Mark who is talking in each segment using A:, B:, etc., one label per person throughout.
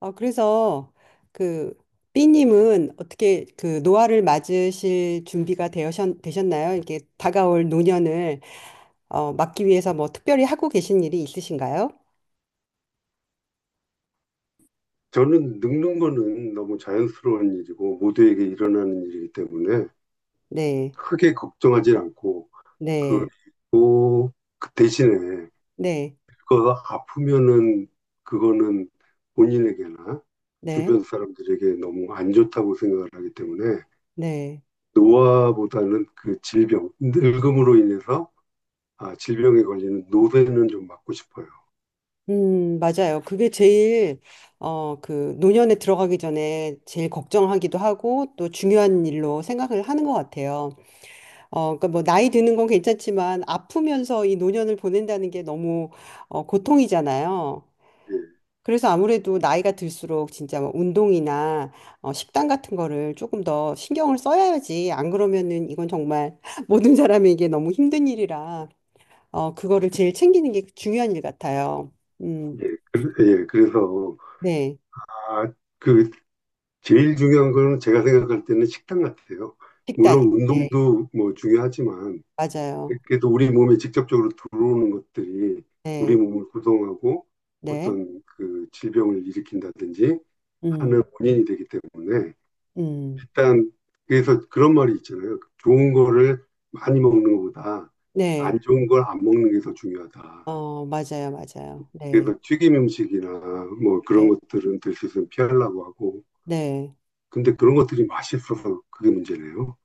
A: 그래서 그 B님은 어떻게 그 노화를 맞으실 준비가 되셨나요? 이렇게 다가올 노년을 막기 위해서 뭐 특별히 하고 계신 일이 있으신가요?
B: 저는 늙는 거는 너무 자연스러운 일이고 모두에게 일어나는 일이기 때문에
A: 네,
B: 크게 걱정하지 않고
A: 네,
B: 그리고 그 대신에
A: 네,
B: 그거 아프면은 그거는 본인에게나
A: 네,
B: 주변 사람들에게 너무 안 좋다고 생각을 하기 때문에
A: 네.
B: 노화보다는 그 질병, 늙음으로 인해서 질병에 걸리는 노쇠는 좀 막고 싶어요.
A: 맞아요. 그게 제일 그 노년에 들어가기 전에 제일 걱정하기도 하고 또 중요한 일로 생각을 하는 것 같아요. 그러니까 뭐 나이 드는 건 괜찮지만 아프면서 이 노년을 보낸다는 게 너무 고통이잖아요.
B: 예,
A: 그래서 아무래도 나이가 들수록 진짜 뭐 운동이나 식단 같은 거를 조금 더 신경을 써야지. 안 그러면은 이건 정말 모든 사람에게 너무 힘든 일이라 그거를 제일 챙기는 게 중요한 일 같아요. 음,
B: 예, 그- 예, 그래서
A: 네.
B: 아, 그 제일 중요한 거는 제가 생각할 때는 식단 같아요.
A: 식단.
B: 물론
A: 네,
B: 운동도 뭐 중요하지만
A: 맞아요.
B: 그래도 우리 몸에 직접적으로 들어오는 것들이 우리
A: 네,
B: 몸을 구성하고
A: 네.
B: 어떤 그 질병을 일으킨다든지
A: 음,
B: 하는 원인이 되기 때문에
A: 음,
B: 일단 그래서 그런 말이 있잖아요. 좋은 거를 많이 먹는 것보다
A: 네.
B: 안 좋은 걸 안 먹는 게 더 중요하다.
A: 어, 맞아요, 맞아요. 네,
B: 그래서 튀김 음식이나 뭐 그런
A: 네,
B: 것들은 될 수 있으면 피하려고 하고
A: 네.
B: 근데 그런 것들이 맛있어서 그게 문제네요.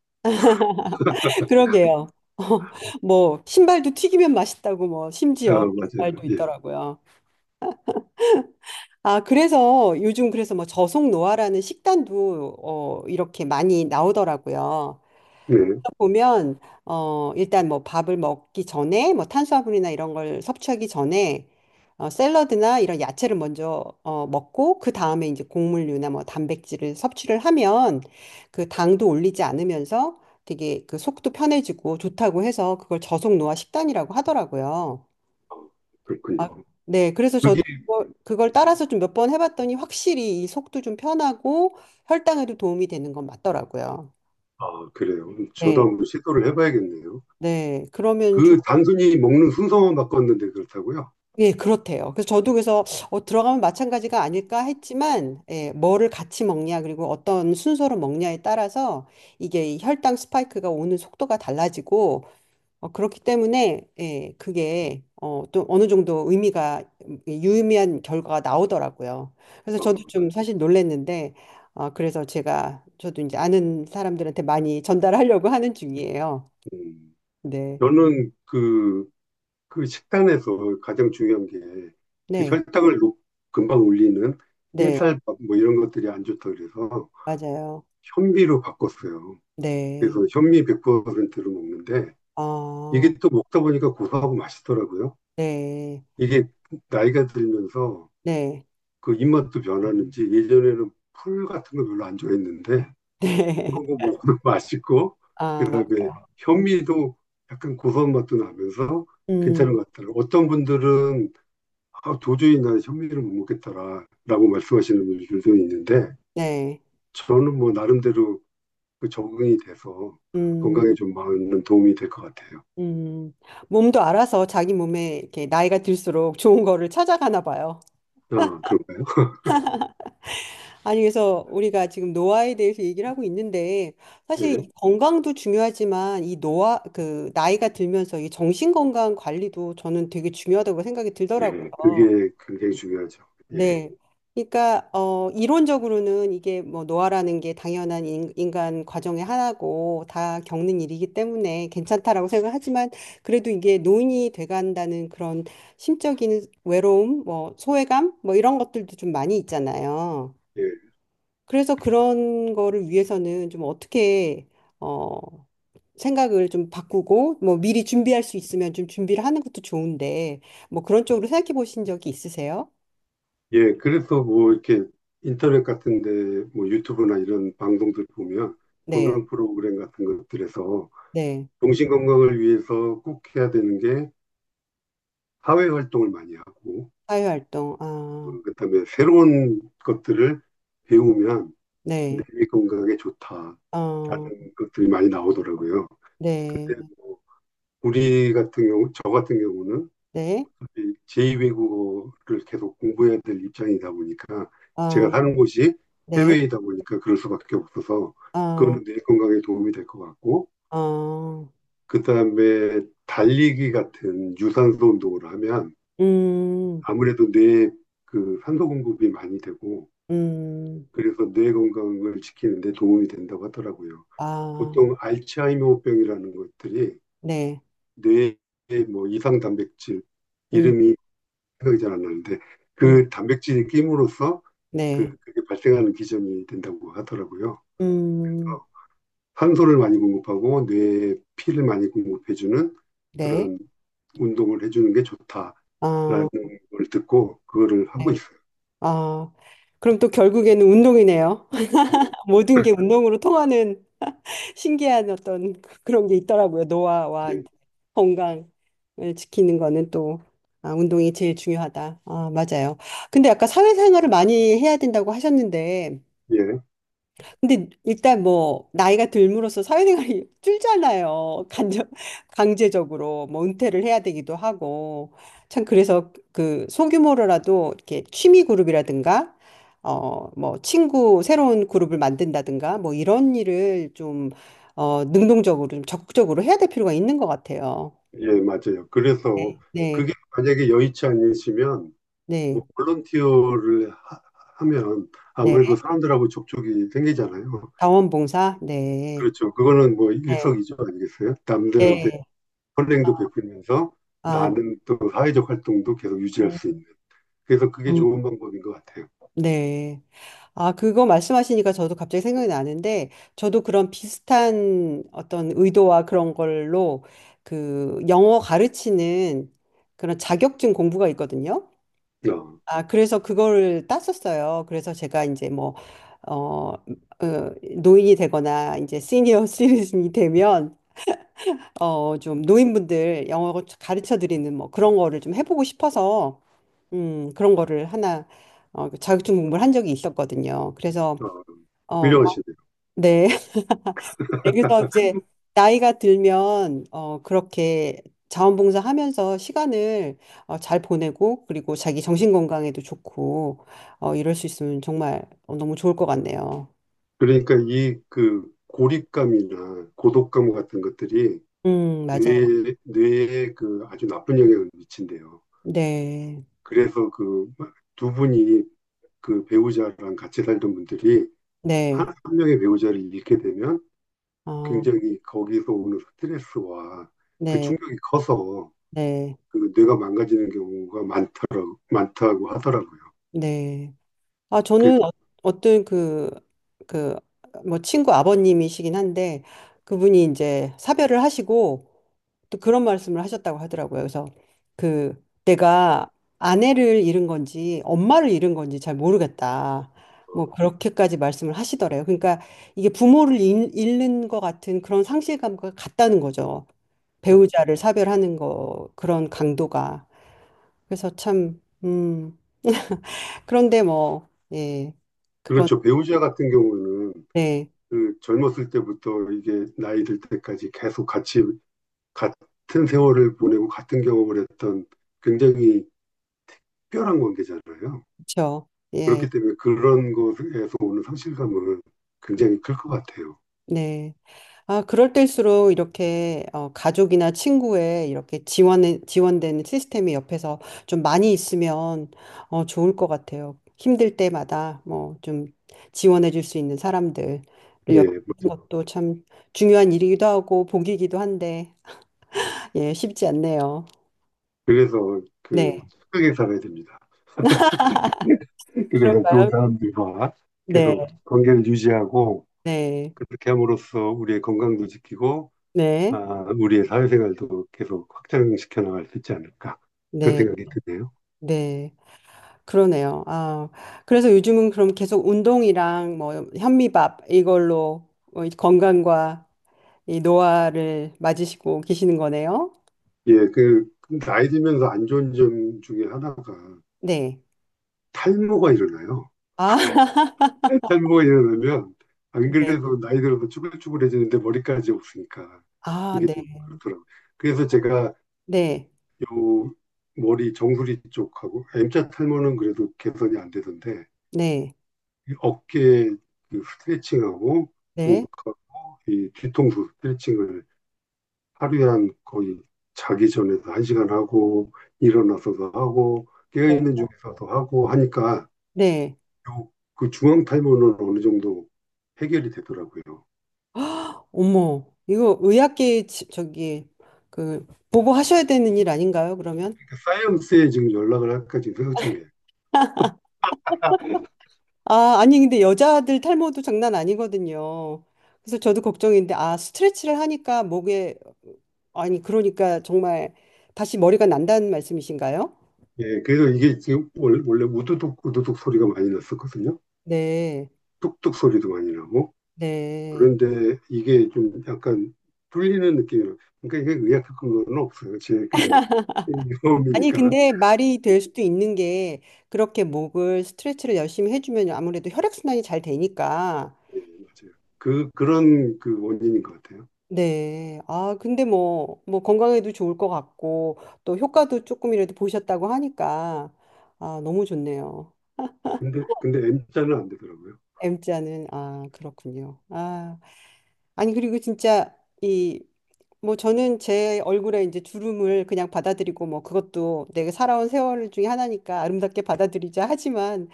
A: 그러게요. 뭐 신발도 튀기면 맛있다고 뭐
B: 아
A: 심지어 신
B: 맞아요.
A: 발 말도
B: 예.
A: 있더라고요. 아, 그래서 요즘 그래서 뭐 저속 노화라는 식단도 이렇게 많이 나오더라고요.
B: 예.
A: 보면 일단 뭐 밥을 먹기 전에 뭐 탄수화물이나 이런 걸 섭취하기 전에 샐러드나 이런 야채를 먼저 먹고 그 다음에 이제 곡물류나 뭐 단백질을 섭취를 하면 그 당도 올리지 않으면서 되게 그 속도 편해지고 좋다고 해서 그걸 저속 노화 식단이라고 하더라고요.
B: 아 그렇군요.
A: 아, 네, 그래서 저도
B: 그게
A: 그걸 따라서 좀 몇 번 해봤더니 확실히 이 속도 좀 편하고 혈당에도 도움이 되는 건 맞더라고요.
B: 아 그래요? 저도
A: 네,
B: 한번 시도를 해 봐야겠네요.
A: 네. 그러면 좋
B: 그 단순히 먹는 순서만 바꿨는데 그렇다고요?
A: 예, 그렇대요. 그래서 저도 그래서 들어가면 마찬가지가 아닐까 했지만, 예, 뭐를 같이 먹냐, 그리고 어떤 순서로 먹냐에 따라서 이게 이 혈당 스파이크가 오는 속도가 달라지고, 그렇기 때문에, 예, 그게 또 어느 정도 의미가, 예, 유의미한 결과가 나오더라고요. 그래서 저도
B: 그
A: 좀 사실 놀랐는데, 그래서 저도 이제 아는 사람들한테 많이 전달하려고 하는 중이에요.
B: 음.
A: 네,
B: 저는 그 식단에서 가장 중요한 게 그
A: 네,
B: 혈당을 높 금방 올리는
A: 네,
B: 흰쌀밥 뭐 이런 것들이 안 좋다 그래서
A: 맞아요.
B: 현미로 바꿨어요.
A: 네.
B: 그래서 현미 100%를 먹는데
A: 아.
B: 이게 또 먹다 보니까 고소하고 맛있더라고요.
A: 네,
B: 이게 나이가 들면서
A: 네,
B: 그 입맛도 변하는지 예전에는 풀 같은 거 별로 안 좋아했는데
A: 네.
B: 그런 거 먹으면 맛있고
A: 아,
B: 그다음에
A: 음,
B: 현미도 약간 고소한 맛도 나면서
A: 음,
B: 괜찮은 것 같더라고요. 어떤 분들은 아, 도저히 난 현미를 못 먹겠다라고 말씀하시는 분들도 있는데
A: 네,
B: 저는 뭐 나름대로 그 적응이 돼서
A: 음,
B: 건강에 좀 많은 도움이 될 것 같아요.
A: 음. 몸도 알아서 자기 몸에 이렇게 나이가 들수록 좋은 거를 찾아가나 봐요.
B: 아, 그런가요?
A: 아니, 그래서 우리가 지금 노화에 대해서 얘기를 하고 있는데, 사실
B: 네.
A: 이 건강도 중요하지만 이 노화, 나이가 들면서 이 정신 건강 관리도 저는 되게 중요하다고 생각이
B: 예,
A: 들더라고요.
B: 그게 굉장히 중요하죠. 예.
A: 네. 그러니까 이론적으로는 이게 뭐 노화라는 게 당연한 인간 과정의 하나고 다 겪는 일이기 때문에 괜찮다라고 생각하지만, 그래도 이게 노인이 돼간다는 그런 심적인 외로움, 뭐 소외감, 뭐 이런 것들도 좀 많이 있잖아요.
B: 예.
A: 그래서 그런 거를 위해서는 좀 어떻게 어 생각을 좀 바꾸고 뭐 미리 준비할 수 있으면 좀 준비를 하는 것도 좋은데, 뭐 그런 쪽으로 생각해 보신 적이 있으세요?
B: 예, 그래서 뭐 이렇게 인터넷 같은데 뭐 유튜브나 이런 방송들 보면
A: 네.
B: 건강 프로그램 같은 것들에서
A: 네.
B: 정신 건강을 위해서 꼭 해야 되는 게 사회 활동을 많이 하고
A: 사회활동, 아,
B: 그다음에 새로운 것들을 배우면 뇌
A: 네,
B: 건강에 좋다라는
A: 어,
B: 것들이 많이 나오더라고요.
A: 네,
B: 근데 뭐 우리 같은 경우, 저 같은 경우는
A: 네,
B: 제2외국어를 계속 공부해야 될 입장이다 보니까 제가
A: 아,
B: 사는 곳이
A: 네,
B: 해외이다 보니까 그럴 수밖에 없어서
A: 아,
B: 그거는 뇌 건강에 도움이 될 것 같고
A: 아,
B: 그다음에 달리기 같은 유산소 운동을 하면
A: 음,
B: 아무래도 뇌에 그 산소 공급이 많이 되고
A: 음,
B: 그래서 뇌 건강을 지키는 데 도움이 된다고 하더라고요.
A: 아,
B: 보통 알츠하이머병이라는 것들이
A: 네,
B: 뇌에 뭐 이상 단백질
A: 음,
B: 이름이 생각이 잘 안 나는데
A: 음,
B: 그 단백질이 낌으로써
A: 네,
B: 그게 발생하는 기전이 된다고 하더라고요.
A: 음,
B: 어, 탄소를 많이 공급하고 뇌에 피를 많이 공급해주는
A: 네,
B: 그런 운동을 해주는 게 좋다라는
A: 아,
B: 걸 듣고 그거를 하고
A: 네.
B: 있어요.
A: 아, 그럼 또 결국에는 운동이네요.
B: 네,
A: 모든 게 운동으로 통하는 신기한 어떤 그런 게 있더라고요. 노화와
B: 예,
A: 건강을 지키는 거는 또, 아, 운동이 제일 중요하다. 아, 맞아요. 근데 아까 사회생활을 많이 해야 된다고 하셨는데
B: 예,
A: 근데 일단 뭐 나이가 들므로써 사회생활이 줄잖아요. 간접 강제적으로 뭐 은퇴를 해야 되기도 하고, 참 그래서 그 소규모로라도 이렇게 취미 그룹이라든가 뭐 친구 새로운 그룹을 만든다든가 뭐 이런 일을 좀 능동적으로 좀 적극적으로 해야 될 필요가 있는 것 같아요.
B: 예, 맞아요.
A: 네,
B: 그래서
A: 네,
B: 그게 만약에 여의치 않으시면 뭐
A: 네,
B: 하면
A: 네.
B: 아무래도 사람들하고 접촉이 생기잖아요.
A: 자원봉사, 네,
B: 그렇죠. 그거는 뭐
A: 네,
B: 일석이조 아니겠어요? 남들한테
A: 네.
B: 선행도 베풀면서
A: 아,
B: 나는 또 사회적 활동도 계속 유지할 수
A: 음,
B: 있는. 그래서 그게
A: 음,
B: 좋은 방법인 것 같아요.
A: 네. 아, 그거 말씀하시니까 저도 갑자기 생각이 나는데, 저도 그런 비슷한 어떤 의도와 그런 걸로 그 영어 가르치는 그런 자격증 공부가 있거든요.
B: 어,
A: 아, 그래서 그거를 땄었어요. 그래서 제가 이제 뭐, 어, 어, 노인이 되거나 이제 시니어 시리즌이 되면, 좀 노인분들 영어 가르쳐 드리는 뭐 그런 거를 좀 해보고 싶어서, 그런 거를 그 자격증 공부를 한 적이 있었거든요. 그래서
B: 어,
A: 어,
B: 훌륭하시네요.
A: 네. 그래서 이제 나이가 들면 그렇게 자원봉사 하면서 시간을 잘 보내고, 그리고 자기 정신 건강에도 좋고 이럴 수 있으면 정말 너무 좋을 것 같네요.
B: 그러니까 이 그 고립감이나 고독감 같은 것들이
A: 맞아요.
B: 뇌에 그 아주 나쁜 영향을 미친대요.
A: 네.
B: 그래서 그 두 분이 그 배우자랑 같이 살던 분들이
A: 네.
B: 한 명의 배우자를 잃게 되면
A: 어,
B: 굉장히 거기서 오는 스트레스와 그
A: 네.
B: 충격이 커서
A: 네.
B: 그 뇌가 망가지는 경우가 많다고 하더라고요.
A: 네. 아,
B: 그래서,
A: 저는 어떤 그, 뭐, 친구 아버님이시긴 한데, 그분이 이제 사별을 하시고, 또 그런 말씀을 하셨다고 하더라고요. 그래서 그 내가 아내를 잃은 건지 엄마를 잃은 건지 잘 모르겠다. 뭐 그렇게까지 말씀을 하시더래요. 그러니까 이게 부모를 잃는 것 같은 그런 상실감과 같다는 거죠.
B: 어,
A: 배우자를 사별하는 거 그런 강도가. 그래서 참 그런데 뭐 예. 그건
B: 그렇죠. 배우자 같은 경우는
A: 네.
B: 그 젊었을 때부터 이게 나이 들 때까지 계속 같이, 같은 세월을 보내고 같은 경험을 했던 굉장히 특별한 관계잖아요.
A: 그렇죠. 예.
B: 그렇기 때문에 그런 것에서 오는 상실감은 굉장히 클 것 같아요.
A: 네. 아, 그럴 때일수록 이렇게 가족이나 친구의 이렇게 지원되는 시스템이 옆에서 좀 많이 있으면 좋을 것 같아요. 힘들 때마다 뭐 좀 지원해 줄 수 있는 사람들을
B: 예,
A: 옆에
B: 뭐,
A: 있는 것도 참 중요한 일이기도 하고 복이기도 한데, 예, 쉽지 않네요.
B: 그래서
A: 네.
B: 그 착하게 살아야 됩니다. 그래서 좋은
A: 그런가요?
B: 사람들과
A: 네,
B: 계속 관계를 유지하고
A: 네,
B: 그렇게 함으로써 우리의 건강도 지키고, 아,
A: 네,
B: 우리의 사회생활도 계속 확장시켜 나갈 수 있지 않을까. 그런
A: 네,
B: 생각이 드네요.
A: 네. 그러네요. 아, 그래서 요즘은 그럼 계속 운동이랑 뭐 현미밥 이걸로 이 건강과 이 노화를 맞으시고 계시는 거네요.
B: 예, 그 나이 들면서 안 좋은 점 중에 하나가
A: 네.
B: 탈모가 일어나요.
A: 아,
B: 탈모가 일어나면, 안
A: 네. 네.
B: 그래도 나이 들어서 쭈글쭈글해지는데 머리까지 없으니까
A: 아,
B: 이게
A: 네.
B: 좀 그렇더라고요. 그래서 제가
A: 네.
B: 요 머리 정수리 쪽하고 M자 탈모는 그래도 개선이 안 되던데
A: 네.
B: 어깨 그 스트레칭하고
A: 네.
B: 목하고 이 뒤통수 스트레칭을 하루에 한 거의 자기 전에도 한 시간 하고 일어나서도 하고 깨어있는 중에서도 하고 하니까
A: 네.
B: 그 중앙 탈모는 어느 정도 해결이 되더라고요. 그러니까
A: 어머, 이거 의학계 저기 그 보고하셔야 되는 일 아닌가요, 그러면?
B: 사이언스에 지금 연락을 할까 지금 생각 중이에요.
A: 아, 아니, 근데 여자들 탈모도 장난 아니거든요. 그래서 저도 걱정인데, 아, 스트레치를 하니까 목에, 아니, 그러니까 정말 다시 머리가 난다는 말씀이신가요?
B: 예, 그래서 이게 지금 원래 우두둑 우두둑 소리가 많이 났었거든요.
A: 네,
B: 뚝뚝 소리도 많이 나고
A: 네.
B: 그런데 이게 좀 약간 뚫리는 느낌이에요. 그러니까 이게 의학적인 건 없어요. 제 그냥
A: 아니,
B: 경험이니까.
A: 근데 말이 될 수도 있는 게, 그렇게 목을 스트레치를 열심히 해주면 아무래도 혈액순환이 잘 되니까,
B: 예, 맞아요. 그런 그 원인인 것 같아요.
A: 네. 아, 근데 뭐, 건강에도 좋을 것 같고, 또 효과도 조금이라도 보셨다고 하니까, 아, 너무 좋네요.
B: 근데 M자는 안 되더라고요.
A: M자는 아, 그렇군요. 아, 아니, 그리고 진짜 이 뭐 저는 제 얼굴에 이제 주름을 그냥 받아들이고 뭐 그것도 내가 살아온 세월 중에 하나니까 아름답게 받아들이자 하지만,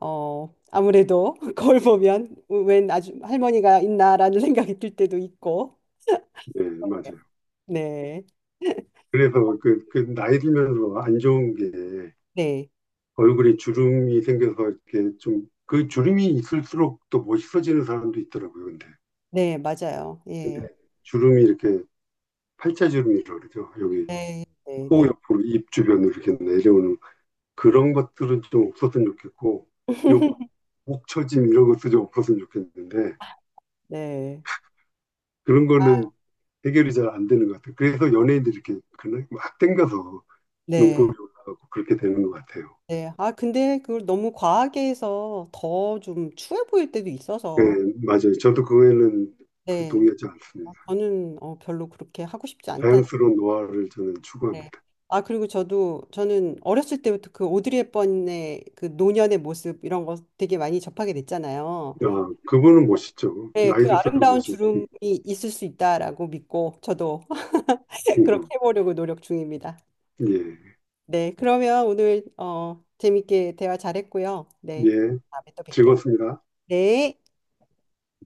A: 아무래도 거울 보면 웬 아주 할머니가 있나라는 생각이 들 때도 있고.
B: 예, 맞아요.
A: 네.
B: 그래서 그 나이 들면서 안 좋은 게
A: 네.
B: 얼굴에 주름이 생겨서 이렇게 좀 그 주름이 있을수록 또 멋있어지는 사람도 있더라고요.
A: 네, 맞아요. 예.
B: 근데 주름이 이렇게 팔자 주름이라고 그러죠. 여기
A: 네. 네,
B: 코
A: 네.
B: 옆으로 입 주변으로 이렇게 내려오는 그런 것들은 좀 없었으면 좋겠고, 요 목처짐 이런 것도 좀 없었으면 좋겠는데,
A: 네.
B: 그런
A: 아,
B: 거는 해결이 잘 안 되는 것 같아요. 그래서 연예인들이 이렇게 그냥 막 땡겨서 눈곱
A: 네,
B: 이 올라가고 그렇게 되는 것 같아요.
A: 네. 아, 근데 그걸 너무 과하게 해서 더 좀 추해 보일 때도
B: 네,
A: 있어서.
B: 맞아요. 저도 그거에는 그
A: 네.
B: 동의하지
A: 아,
B: 않습니다.
A: 저는 별로 그렇게 하고 싶지 않다는데.
B: 자연스러운 노화를 저는 추구합니다.
A: 아, 그리고 저는 어렸을 때부터 그 오드리 헵번의 그 노년의 모습 이런 거 되게 많이 접하게 됐잖아요.
B: 아, 그분은 멋있죠.
A: 네,
B: 나이
A: 그
B: 들수록
A: 아름다운
B: 멋있.
A: 주름이 있을 수 있다라고 믿고 저도
B: 네
A: 그렇게 해보려고 노력 중입니다. 네, 그러면 오늘 재밌게 대화 잘했고요.
B: 예,
A: 네,
B: 예,
A: 다음에 또 뵐게요.
B: 즐겁습니다.
A: 네.